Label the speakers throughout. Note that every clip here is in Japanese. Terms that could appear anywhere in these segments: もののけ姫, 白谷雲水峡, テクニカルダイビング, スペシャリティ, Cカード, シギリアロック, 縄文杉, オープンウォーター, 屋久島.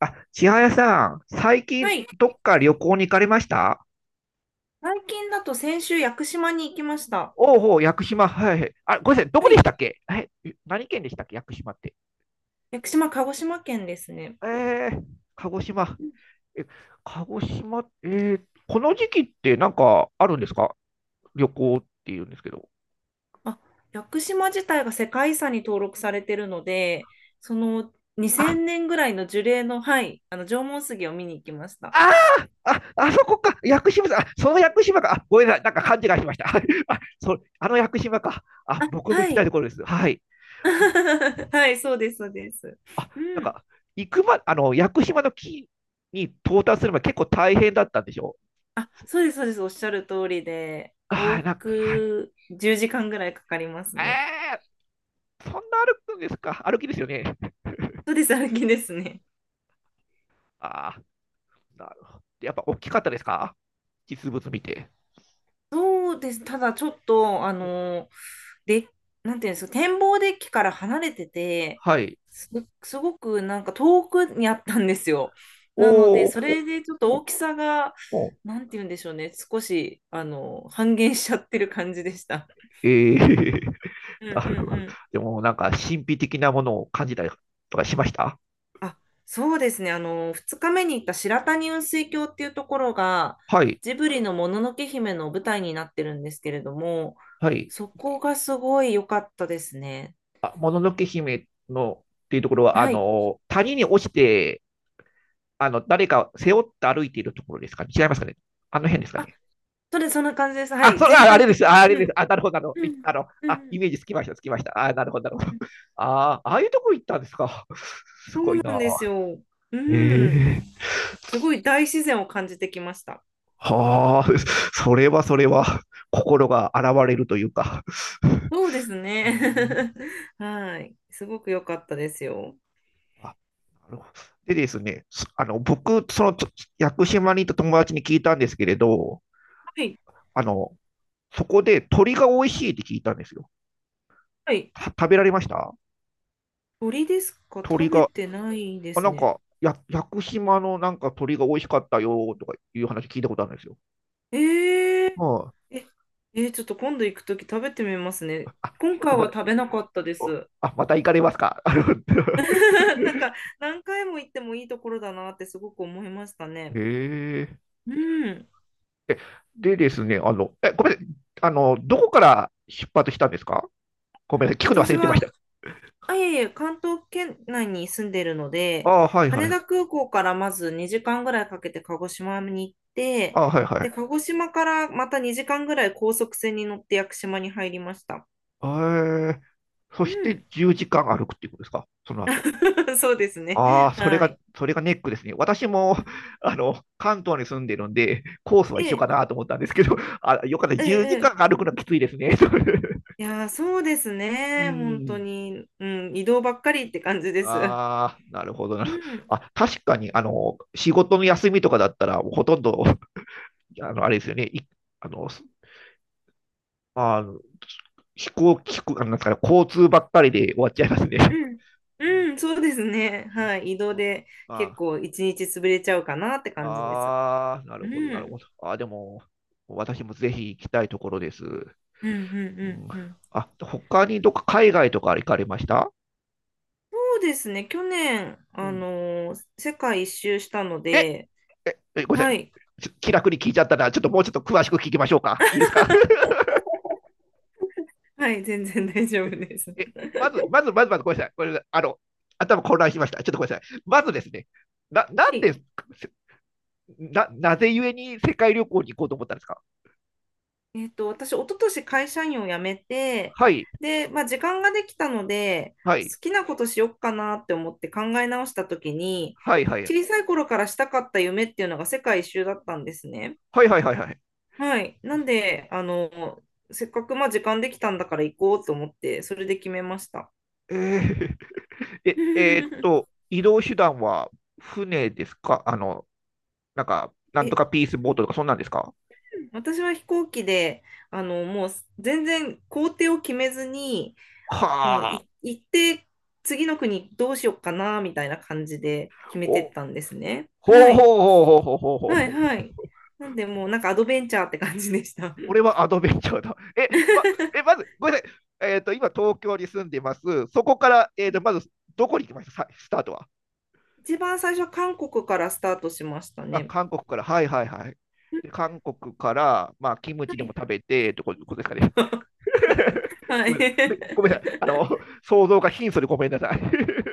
Speaker 1: あ、千早さん、最近
Speaker 2: はい。
Speaker 1: どっか旅行に行かれました？
Speaker 2: 最近だと先週、屋久島に行きました。
Speaker 1: おうおう、屋久島。はいはい。あ、ごめんなさい、どこ
Speaker 2: は
Speaker 1: でし
Speaker 2: い。
Speaker 1: たっけ何県でしたっけ屋久島って。
Speaker 2: 屋久島、鹿児島県ですね。
Speaker 1: えー、鹿児島。え、鹿児島、ー、この時期ってなんかあるんですか、旅行っていうんですけど。
Speaker 2: あ、屋久島自体が世界遺産に登録されてるので、その
Speaker 1: あ、
Speaker 2: 2000年ぐらいの樹齢の、はい、あの縄文杉を見に行きました。
Speaker 1: ああそこか。屋久島さん、あ、その屋久島か。あ、ごめんなさい、なんか勘違いしました。あの屋久島か。あ、
Speaker 2: あ、
Speaker 1: 僕も行
Speaker 2: は
Speaker 1: きたい
Speaker 2: い。
Speaker 1: ところです。はい。
Speaker 2: はい、そうです、そうです。
Speaker 1: あ、
Speaker 2: う
Speaker 1: なん
Speaker 2: ん。
Speaker 1: か、行くま、あの、屋久島の木に到達するまで結構大変だったんでしょ？
Speaker 2: あ、そうです、そうです。おっしゃる通りで、
Speaker 1: は
Speaker 2: 往
Speaker 1: い、なんか、はい。
Speaker 2: 復10時間ぐらいかかりますね。
Speaker 1: えそんな歩くんですか、歩きですよね。
Speaker 2: そうです、歩きですね。
Speaker 1: ああ、なるほど。やっぱ大きかったですか、実物見て。
Speaker 2: そうです。ただちょっと、で、なんていうんですか、展望デッキから離れてて、
Speaker 1: はい。
Speaker 2: す、すごくなんか遠くにあったんですよ。なので、
Speaker 1: おー、
Speaker 2: そ
Speaker 1: ほ、
Speaker 2: れでちょっと
Speaker 1: ほ、
Speaker 2: 大きさが、
Speaker 1: ほ、
Speaker 2: なんていうんでしょうね、少し、半減しちゃってる感じでした。
Speaker 1: ええー、
Speaker 2: うんうん
Speaker 1: なるほ
Speaker 2: う
Speaker 1: ど。
Speaker 2: ん。
Speaker 1: でもなんか神秘的なものを感じたりとかしました？
Speaker 2: あ、そうですね。2日目に行った白谷雲水峡っていうところが、
Speaker 1: はい、
Speaker 2: ジブリのもののけ姫の舞台になってるんですけれども、
Speaker 1: はい。
Speaker 2: そこがすごい良かったですね。
Speaker 1: あ、もののけ姫のっていうところは、あ
Speaker 2: はい。
Speaker 1: の、谷に落ちて、あの、誰か背負って歩いているところですかね、違いますかね、あの辺ですか
Speaker 2: あ、
Speaker 1: ね？
Speaker 2: そんな感じです。はい。全
Speaker 1: ああ
Speaker 2: 体
Speaker 1: れで
Speaker 2: 的
Speaker 1: す。ああ
Speaker 2: に。
Speaker 1: れです。あ、なるほど、
Speaker 2: うん、う
Speaker 1: あ、イ
Speaker 2: ん、
Speaker 1: メージつきました、つきました。あ、なるほど、なるほど。
Speaker 2: うん、
Speaker 1: ああ、ああいうとこ行ったんですか。す
Speaker 2: そ
Speaker 1: ご
Speaker 2: う
Speaker 1: い
Speaker 2: なんです
Speaker 1: な。
Speaker 2: よ。うん。
Speaker 1: ええ、
Speaker 2: すごい大自然を感じてきました。
Speaker 1: はあ、それはそれは、心が洗われるというか。
Speaker 2: そうですね。はい。すごく良かったですよ。
Speaker 1: あ、なるほど。でですね、そあの、僕、その、ちょ屋久島にいた友達に聞いたんですけれど、
Speaker 2: はい。
Speaker 1: あの、そこで鳥が美味しいって聞いたんですよ。
Speaker 2: はい。
Speaker 1: 食べられました？
Speaker 2: 鳥ですか？
Speaker 1: 鳥
Speaker 2: 食べ
Speaker 1: が、
Speaker 2: てないで
Speaker 1: あ、
Speaker 2: す
Speaker 1: なん
Speaker 2: ね。
Speaker 1: か、屋久島のなんか鳥が美味しかったよとかいう話聞いたことあるんですよ。
Speaker 2: えー、
Speaker 1: は
Speaker 2: え、えーちょっと今度行くとき食べてみますね。
Speaker 1: あ。
Speaker 2: 今
Speaker 1: 今度
Speaker 2: 回
Speaker 1: ま
Speaker 2: は
Speaker 1: た、
Speaker 2: 食べなかったです。
Speaker 1: あ、また行かれますか。あの、
Speaker 2: なんか何回も行ってもいいところだなってすごく思いました ね。
Speaker 1: へえ。
Speaker 2: うん。
Speaker 1: えでですね、あの、え、ごめんなさい。あの、どこから出発したんですか？ごめんなさい。聞くの忘
Speaker 2: 私
Speaker 1: れてま
Speaker 2: は
Speaker 1: した。
Speaker 2: あ、いえいえ、関東圏内に住んでるの
Speaker 1: あ
Speaker 2: で、
Speaker 1: あ、はいは
Speaker 2: 羽
Speaker 1: い。
Speaker 2: 田空港からまず2時間ぐらいかけて鹿児島に行って、
Speaker 1: ああ、はいは
Speaker 2: で、鹿
Speaker 1: い。
Speaker 2: 児島からまた2時間ぐらい高速船に乗って屋久島に入りました。
Speaker 1: ええ。そ
Speaker 2: う
Speaker 1: し
Speaker 2: ん。
Speaker 1: て10時間歩くっていうことですか、その後。
Speaker 2: そうですね。
Speaker 1: ああ、それ
Speaker 2: は
Speaker 1: が、
Speaker 2: い。
Speaker 1: それがネックですね。私も、あの、関東に住んでるんで、コースは
Speaker 2: え
Speaker 1: 一緒か
Speaker 2: え、
Speaker 1: なと思ったんですけど、あ、よかった。
Speaker 2: え
Speaker 1: 10時
Speaker 2: え、
Speaker 1: 間
Speaker 2: ええ、
Speaker 1: 歩くのはきついですね。
Speaker 2: いやー、そうです
Speaker 1: う
Speaker 2: ね。本当
Speaker 1: ん。
Speaker 2: に。うん、移動ばっかりって感じ です。
Speaker 1: ああ、なるほどな。
Speaker 2: うん、
Speaker 1: あ、確かに、あの、仕事の休みとかだったら、もうほとんど、あの、あれですよね。い、あの、すあの、飛行機、飛行あのなんですかね、交通ばっかりで終わっちゃいますね。
Speaker 2: うん、
Speaker 1: うん、
Speaker 2: うん、そうですね。
Speaker 1: うん、
Speaker 2: はい。移動
Speaker 1: ま
Speaker 2: で結
Speaker 1: あ
Speaker 2: 構一日潰れちゃうかなって感じです。
Speaker 1: あ、あーな
Speaker 2: う
Speaker 1: るほど、なるほ
Speaker 2: ん。
Speaker 1: ど。あー、でも、私もぜひ行きたいところです。
Speaker 2: うんうん
Speaker 1: うん、
Speaker 2: うんうん。
Speaker 1: あ、他にどっか海外とか行かれました？
Speaker 2: そうですね。去年、
Speaker 1: うん。
Speaker 2: 世界一周したの
Speaker 1: え、
Speaker 2: で、
Speaker 1: え、ごめんな
Speaker 2: は
Speaker 1: さい。
Speaker 2: い。
Speaker 1: ちょ気楽に聞いちゃったな。ちょっともうちょっと詳しく聞きましょうか。いいですか？
Speaker 2: はい、全然大丈夫です。
Speaker 1: え、まず、まず、まず、まず、ごめんなさい。ごめんなさい。あの、頭混乱しました。ちょっとごめんなさい。まずですね、な、な
Speaker 2: は
Speaker 1: んで、
Speaker 2: い。
Speaker 1: せな、なぜゆえに世界旅行に行こうと思ったんですか？
Speaker 2: 私、一昨年会社員を辞めて、
Speaker 1: はい、
Speaker 2: で、まあ、時間ができたので、
Speaker 1: はい、
Speaker 2: 好きなことしよっかなって思って考え直したときに、
Speaker 1: はい、はい、
Speaker 2: 小さい頃からしたかった夢っていうのが世界一周だったんですね。
Speaker 1: はい、はい、はい、はい。
Speaker 2: はい。なんで、せっかくまあ時間できたんだから行こうと思って、それで決めました。
Speaker 1: えー、えーっと、移動手段は船ですか、あの、なんか、なんと
Speaker 2: え
Speaker 1: かピースボートとか、そんなんですか？
Speaker 2: 私は飛行機で、あの、もう全然行程を決めずに、もう
Speaker 1: はあ。
Speaker 2: い行って次の国どうしようかな、みたいな感じで決めて
Speaker 1: お、
Speaker 2: っ
Speaker 1: ほう
Speaker 2: たんですね。
Speaker 1: ほ
Speaker 2: は
Speaker 1: うほうほう
Speaker 2: い。
Speaker 1: ほうほうほうほ
Speaker 2: はい
Speaker 1: う。
Speaker 2: はい。なんでもうなんかアドベンチャーって感じでした。
Speaker 1: これはアドベンチャーだ。え、ま ず、ごめんなさい。えっと、今、東京に住んでます。そこから、えっと、まず、どこに行きました?スタートは。
Speaker 2: 一番最初は韓国からスタートしました
Speaker 1: あ、
Speaker 2: ね。
Speaker 1: 韓国から。はいはいはい。で韓国から、まあ、キム
Speaker 2: は
Speaker 1: チでも
Speaker 2: い。
Speaker 1: 食べて、ってことですかね。
Speaker 2: は
Speaker 1: ごめ
Speaker 2: い。
Speaker 1: んなさい。でごめん なさい。あの、想像が貧相でごめんなさい。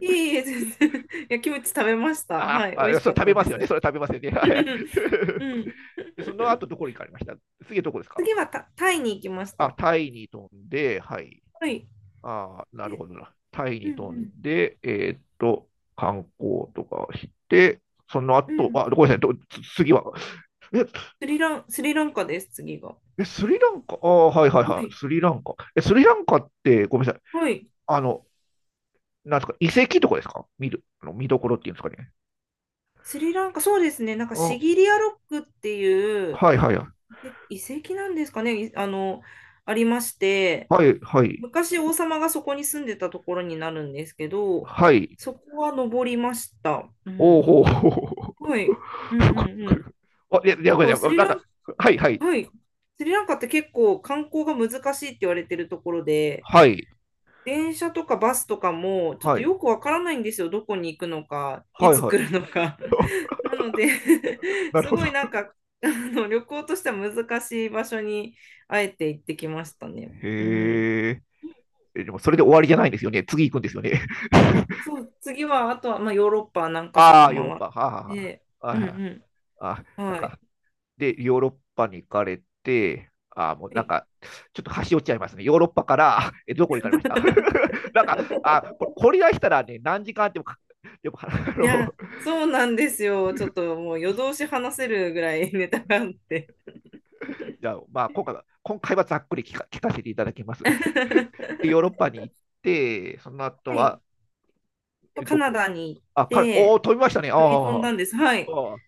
Speaker 2: いえいえ、全然。いや、キムチ食べました。
Speaker 1: あ
Speaker 2: はい。美
Speaker 1: あ、
Speaker 2: 味し
Speaker 1: そ
Speaker 2: か
Speaker 1: れ
Speaker 2: っ
Speaker 1: 食べ
Speaker 2: た
Speaker 1: ま
Speaker 2: で
Speaker 1: すよね。
Speaker 2: す。
Speaker 1: それ食べますよね。はいはい。
Speaker 2: うん。
Speaker 1: でその 後、どこに行かれました？次どこですか？
Speaker 2: 次はタイに行きまし
Speaker 1: あ、
Speaker 2: た。
Speaker 1: タイに飛んで、はい。
Speaker 2: はい。
Speaker 1: ああ、なる
Speaker 2: で
Speaker 1: ほどな。タイ
Speaker 2: う
Speaker 1: に飛ん
Speaker 2: ん
Speaker 1: で、えーっと、観光とかして、その
Speaker 2: うん。う
Speaker 1: 後、
Speaker 2: ん。
Speaker 1: あ、ごめんなさい、次は。え、
Speaker 2: スリランカです、次が。
Speaker 1: スリランカ、ああ、はいはい
Speaker 2: は
Speaker 1: はい、
Speaker 2: い。
Speaker 1: スリランカ。え、スリランカって、ごめんなさい、
Speaker 2: はい。
Speaker 1: あの、なんですか、遺跡とかですか、見る、あの見どころっていうんですかね。
Speaker 2: スリランカ、そうですね。なんかシ
Speaker 1: あ、
Speaker 2: ギリアロックっていう
Speaker 1: はいはい
Speaker 2: 遺跡なんですかね。あの、ありまして、
Speaker 1: はい、はい、
Speaker 2: 昔王様がそこに住んでたところになるんですけど、
Speaker 1: はい。
Speaker 2: そこは登りました。う
Speaker 1: おお、
Speaker 2: ん。
Speaker 1: ほうほうほう、
Speaker 2: はい。うんう
Speaker 1: ごい
Speaker 2: ん
Speaker 1: す
Speaker 2: う
Speaker 1: ご
Speaker 2: ん。
Speaker 1: い。あ、いや、いや、
Speaker 2: な
Speaker 1: ごめん
Speaker 2: んか
Speaker 1: な
Speaker 2: ス
Speaker 1: さい、
Speaker 2: リ
Speaker 1: なん
Speaker 2: ラン、
Speaker 1: か、はいはい、
Speaker 2: はい。スリランカって結構観光が難しいって言われてるところで、
Speaker 1: はい、
Speaker 2: 電車とかバスとかも、ちょっ
Speaker 1: は
Speaker 2: と
Speaker 1: い、
Speaker 2: よくわからないんですよ。どこに行くのか、い
Speaker 1: はい、
Speaker 2: つ
Speaker 1: は
Speaker 2: 来る
Speaker 1: い。
Speaker 2: のか。なので
Speaker 1: なる
Speaker 2: す
Speaker 1: ほど。
Speaker 2: ごいなんか、旅行としては難しい場所に、あえて行ってきましたね。うん。
Speaker 1: へえ。えでもそれで終わりじゃないんですよね。次行くんですよね。
Speaker 2: あ、そう、次は、あとは、まあ、ヨーロッパ何か所か
Speaker 1: ああ、ヨーロッ
Speaker 2: 回っ
Speaker 1: パ。はあ、は
Speaker 2: て、
Speaker 1: あ、は
Speaker 2: う
Speaker 1: い
Speaker 2: ん
Speaker 1: はい。
Speaker 2: う
Speaker 1: あ、
Speaker 2: ん。
Speaker 1: なん
Speaker 2: は
Speaker 1: か、
Speaker 2: い。
Speaker 1: で、ヨーロッパに行かれて、あもう
Speaker 2: は
Speaker 1: なん
Speaker 2: い、
Speaker 1: か、ちょっと端折っちゃいますね。ヨーロッパから、えどこに行かれました？ なんか、あこれ、掘り出したらね、何時間あってもでも、あ
Speaker 2: い
Speaker 1: の、
Speaker 2: や、そうなんですよ。ちょっともう夜通し話せるぐらい ネタがあって。
Speaker 1: じゃあ、まあ、今回は、今回はざっくり聞かせていただきます。で、
Speaker 2: は
Speaker 1: ヨーロッパに行って、その後は、
Speaker 2: い。
Speaker 1: え
Speaker 2: カ
Speaker 1: ど
Speaker 2: ナ
Speaker 1: こ？
Speaker 2: ダに行っ
Speaker 1: あ、お
Speaker 2: て、
Speaker 1: お、飛びましたね。あ
Speaker 2: 乗り飛ん
Speaker 1: ー
Speaker 2: だんです。はい。
Speaker 1: あ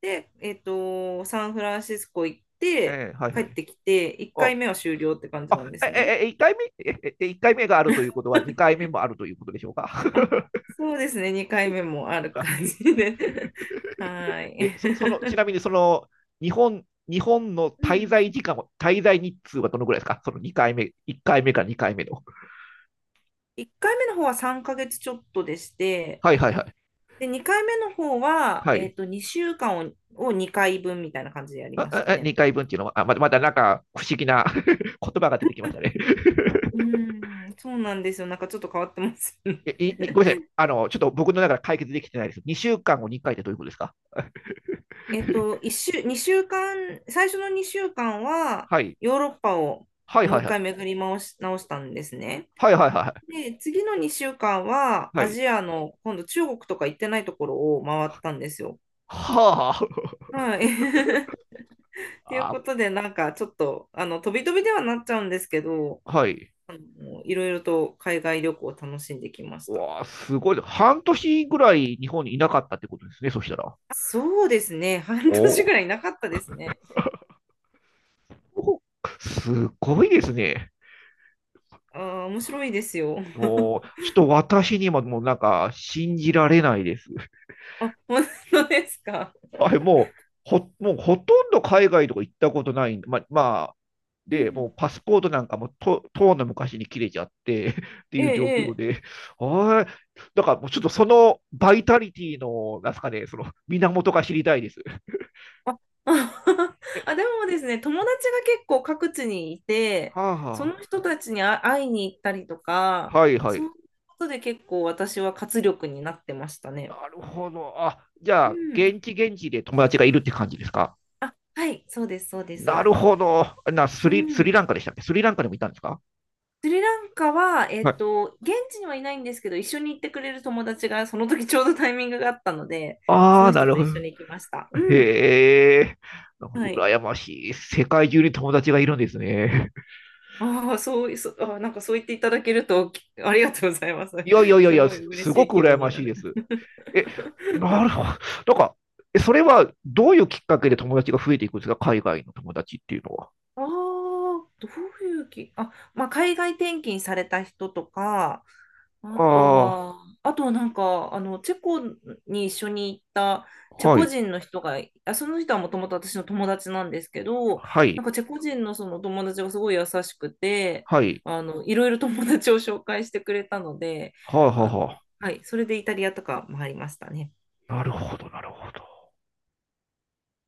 Speaker 2: で、サンフランシスコ行って、
Speaker 1: ええー、はい
Speaker 2: 帰
Speaker 1: は
Speaker 2: っ
Speaker 1: い。
Speaker 2: てきて、1
Speaker 1: あ、
Speaker 2: 回目は終了って感じなんですね。
Speaker 1: 1回目、一回目があるということは、2回目もあるということでしょうか。
Speaker 2: あ、そうですね、2回目もある感じで。はー
Speaker 1: え、その、
Speaker 2: い。
Speaker 1: ちなみにその、日本の
Speaker 2: うん、
Speaker 1: 滞在日数はどのぐらいですか、その2回目、1回目か2回目の。
Speaker 2: 1回目の方は3ヶ月ちょっとでして、
Speaker 1: はいはいはい。
Speaker 2: で、2回目の方は、
Speaker 1: はい。
Speaker 2: 2週間を、2回分みたいな感じでやりましたね。
Speaker 1: 2回分っていうのは、あ、まだなんか不思議な、 言葉が出てきましたね。
Speaker 2: うん、そうなんですよ。なんかちょっと変わってますよね。
Speaker 1: え、ごめんなさい。あの、ちょっと僕の中で解決できてないです。2週間を2回ってどういうことですか？
Speaker 2: 2週間、最初の2週間は
Speaker 1: はい。
Speaker 2: ヨーロッパを
Speaker 1: はい
Speaker 2: もう
Speaker 1: はい
Speaker 2: 一
Speaker 1: はい。
Speaker 2: 回巡り回し、直したんですね。
Speaker 1: はいはいは
Speaker 2: で、次の2週間は
Speaker 1: い。は
Speaker 2: ア
Speaker 1: い。
Speaker 2: ジアの今度中国とか行ってないところを回ったんですよ。
Speaker 1: は
Speaker 2: はい。っていう
Speaker 1: あ。あ
Speaker 2: こ
Speaker 1: ー、
Speaker 2: とで、なんかちょっと、飛び飛びではなっちゃうんですけど、
Speaker 1: はい。
Speaker 2: いろいろと海外旅行を楽しんできまし
Speaker 1: う
Speaker 2: た。
Speaker 1: わあ、すごい。半年ぐらい日本にいなかったってことですね、そしたら。
Speaker 2: そうですね。半
Speaker 1: お
Speaker 2: 年ぐ
Speaker 1: ー、
Speaker 2: らいなかったですね。
Speaker 1: お、すごいですね。
Speaker 2: ああ、面白いですよ。
Speaker 1: も う、ちょっと私にももうなんか信じられないです。
Speaker 2: あ、本当ですか？
Speaker 1: はい、もうほとんど海外とか行ったことないんで、まあ、まあ、
Speaker 2: う
Speaker 1: で、も
Speaker 2: ん、
Speaker 1: うパスポートなんかとうの昔に切れちゃって、 って
Speaker 2: え
Speaker 1: い
Speaker 2: え、
Speaker 1: う状
Speaker 2: え
Speaker 1: 況
Speaker 2: え。
Speaker 1: で、はい、だからもうちょっとそのバイタリティの、なんすかね、その源が知りたいです。え、
Speaker 2: あ、でもですね、友達が結構各地にいて、
Speaker 1: はあ、
Speaker 2: そ
Speaker 1: は
Speaker 2: の人たちに会いに行ったりとか、
Speaker 1: あ、はいは
Speaker 2: そう
Speaker 1: い。
Speaker 2: いうことで結構私は活力になってましたね。
Speaker 1: なるほど。あ、じゃあ、
Speaker 2: うん。
Speaker 1: 現地現地で友達がいるって感じですか。
Speaker 2: あ、はい、そうです、そうで
Speaker 1: な
Speaker 2: す。
Speaker 1: るほど。な、ス
Speaker 2: う
Speaker 1: リ、スリラ
Speaker 2: ん。
Speaker 1: ンカでしたっけ、スリランカでもいたんですか？
Speaker 2: スリランカは、
Speaker 1: はい。
Speaker 2: 現地にはいないんですけど、一緒に行ってくれる友達が、その時ちょうどタイミングがあったので、そ
Speaker 1: ああ、
Speaker 2: の
Speaker 1: な
Speaker 2: 人
Speaker 1: る
Speaker 2: と
Speaker 1: ほ
Speaker 2: 一
Speaker 1: ど。
Speaker 2: 緒に行きました。うん。
Speaker 1: へえ。なんか
Speaker 2: はい。
Speaker 1: 羨ましい。世界中に友達がいるんですね。
Speaker 2: ああ、そうい、そ、あ、なんかそう言っていただけると、ありがとうございます。
Speaker 1: い やいやいやい
Speaker 2: す
Speaker 1: や、
Speaker 2: ごい嬉
Speaker 1: す
Speaker 2: し
Speaker 1: ご
Speaker 2: い
Speaker 1: く
Speaker 2: 気
Speaker 1: 羨
Speaker 2: 分
Speaker 1: ま
Speaker 2: にな
Speaker 1: しいで
Speaker 2: る。
Speaker 1: す。え、なるほど。なんか、えそれはどういうきっかけで友達が増えていくんですか、海外の友達っていうのは。
Speaker 2: ああ、どういうき、あ、まあ、海外転勤された人とか、あと
Speaker 1: ああ、
Speaker 2: は、あとはなんか、チェコに一緒に行ったチェ
Speaker 1: は
Speaker 2: コ
Speaker 1: い。
Speaker 2: 人の人が、あ、その人はもともと私の友達なんですけど、
Speaker 1: は
Speaker 2: な
Speaker 1: い。
Speaker 2: んかチェコ人のその友達がすごい優しくて、
Speaker 1: はい。
Speaker 2: いろいろ友達を紹介してくれたので、
Speaker 1: はあ、はあ、は
Speaker 2: はい、それでイタリアとか回りましたね。
Speaker 1: あ。なるほど、なるほど。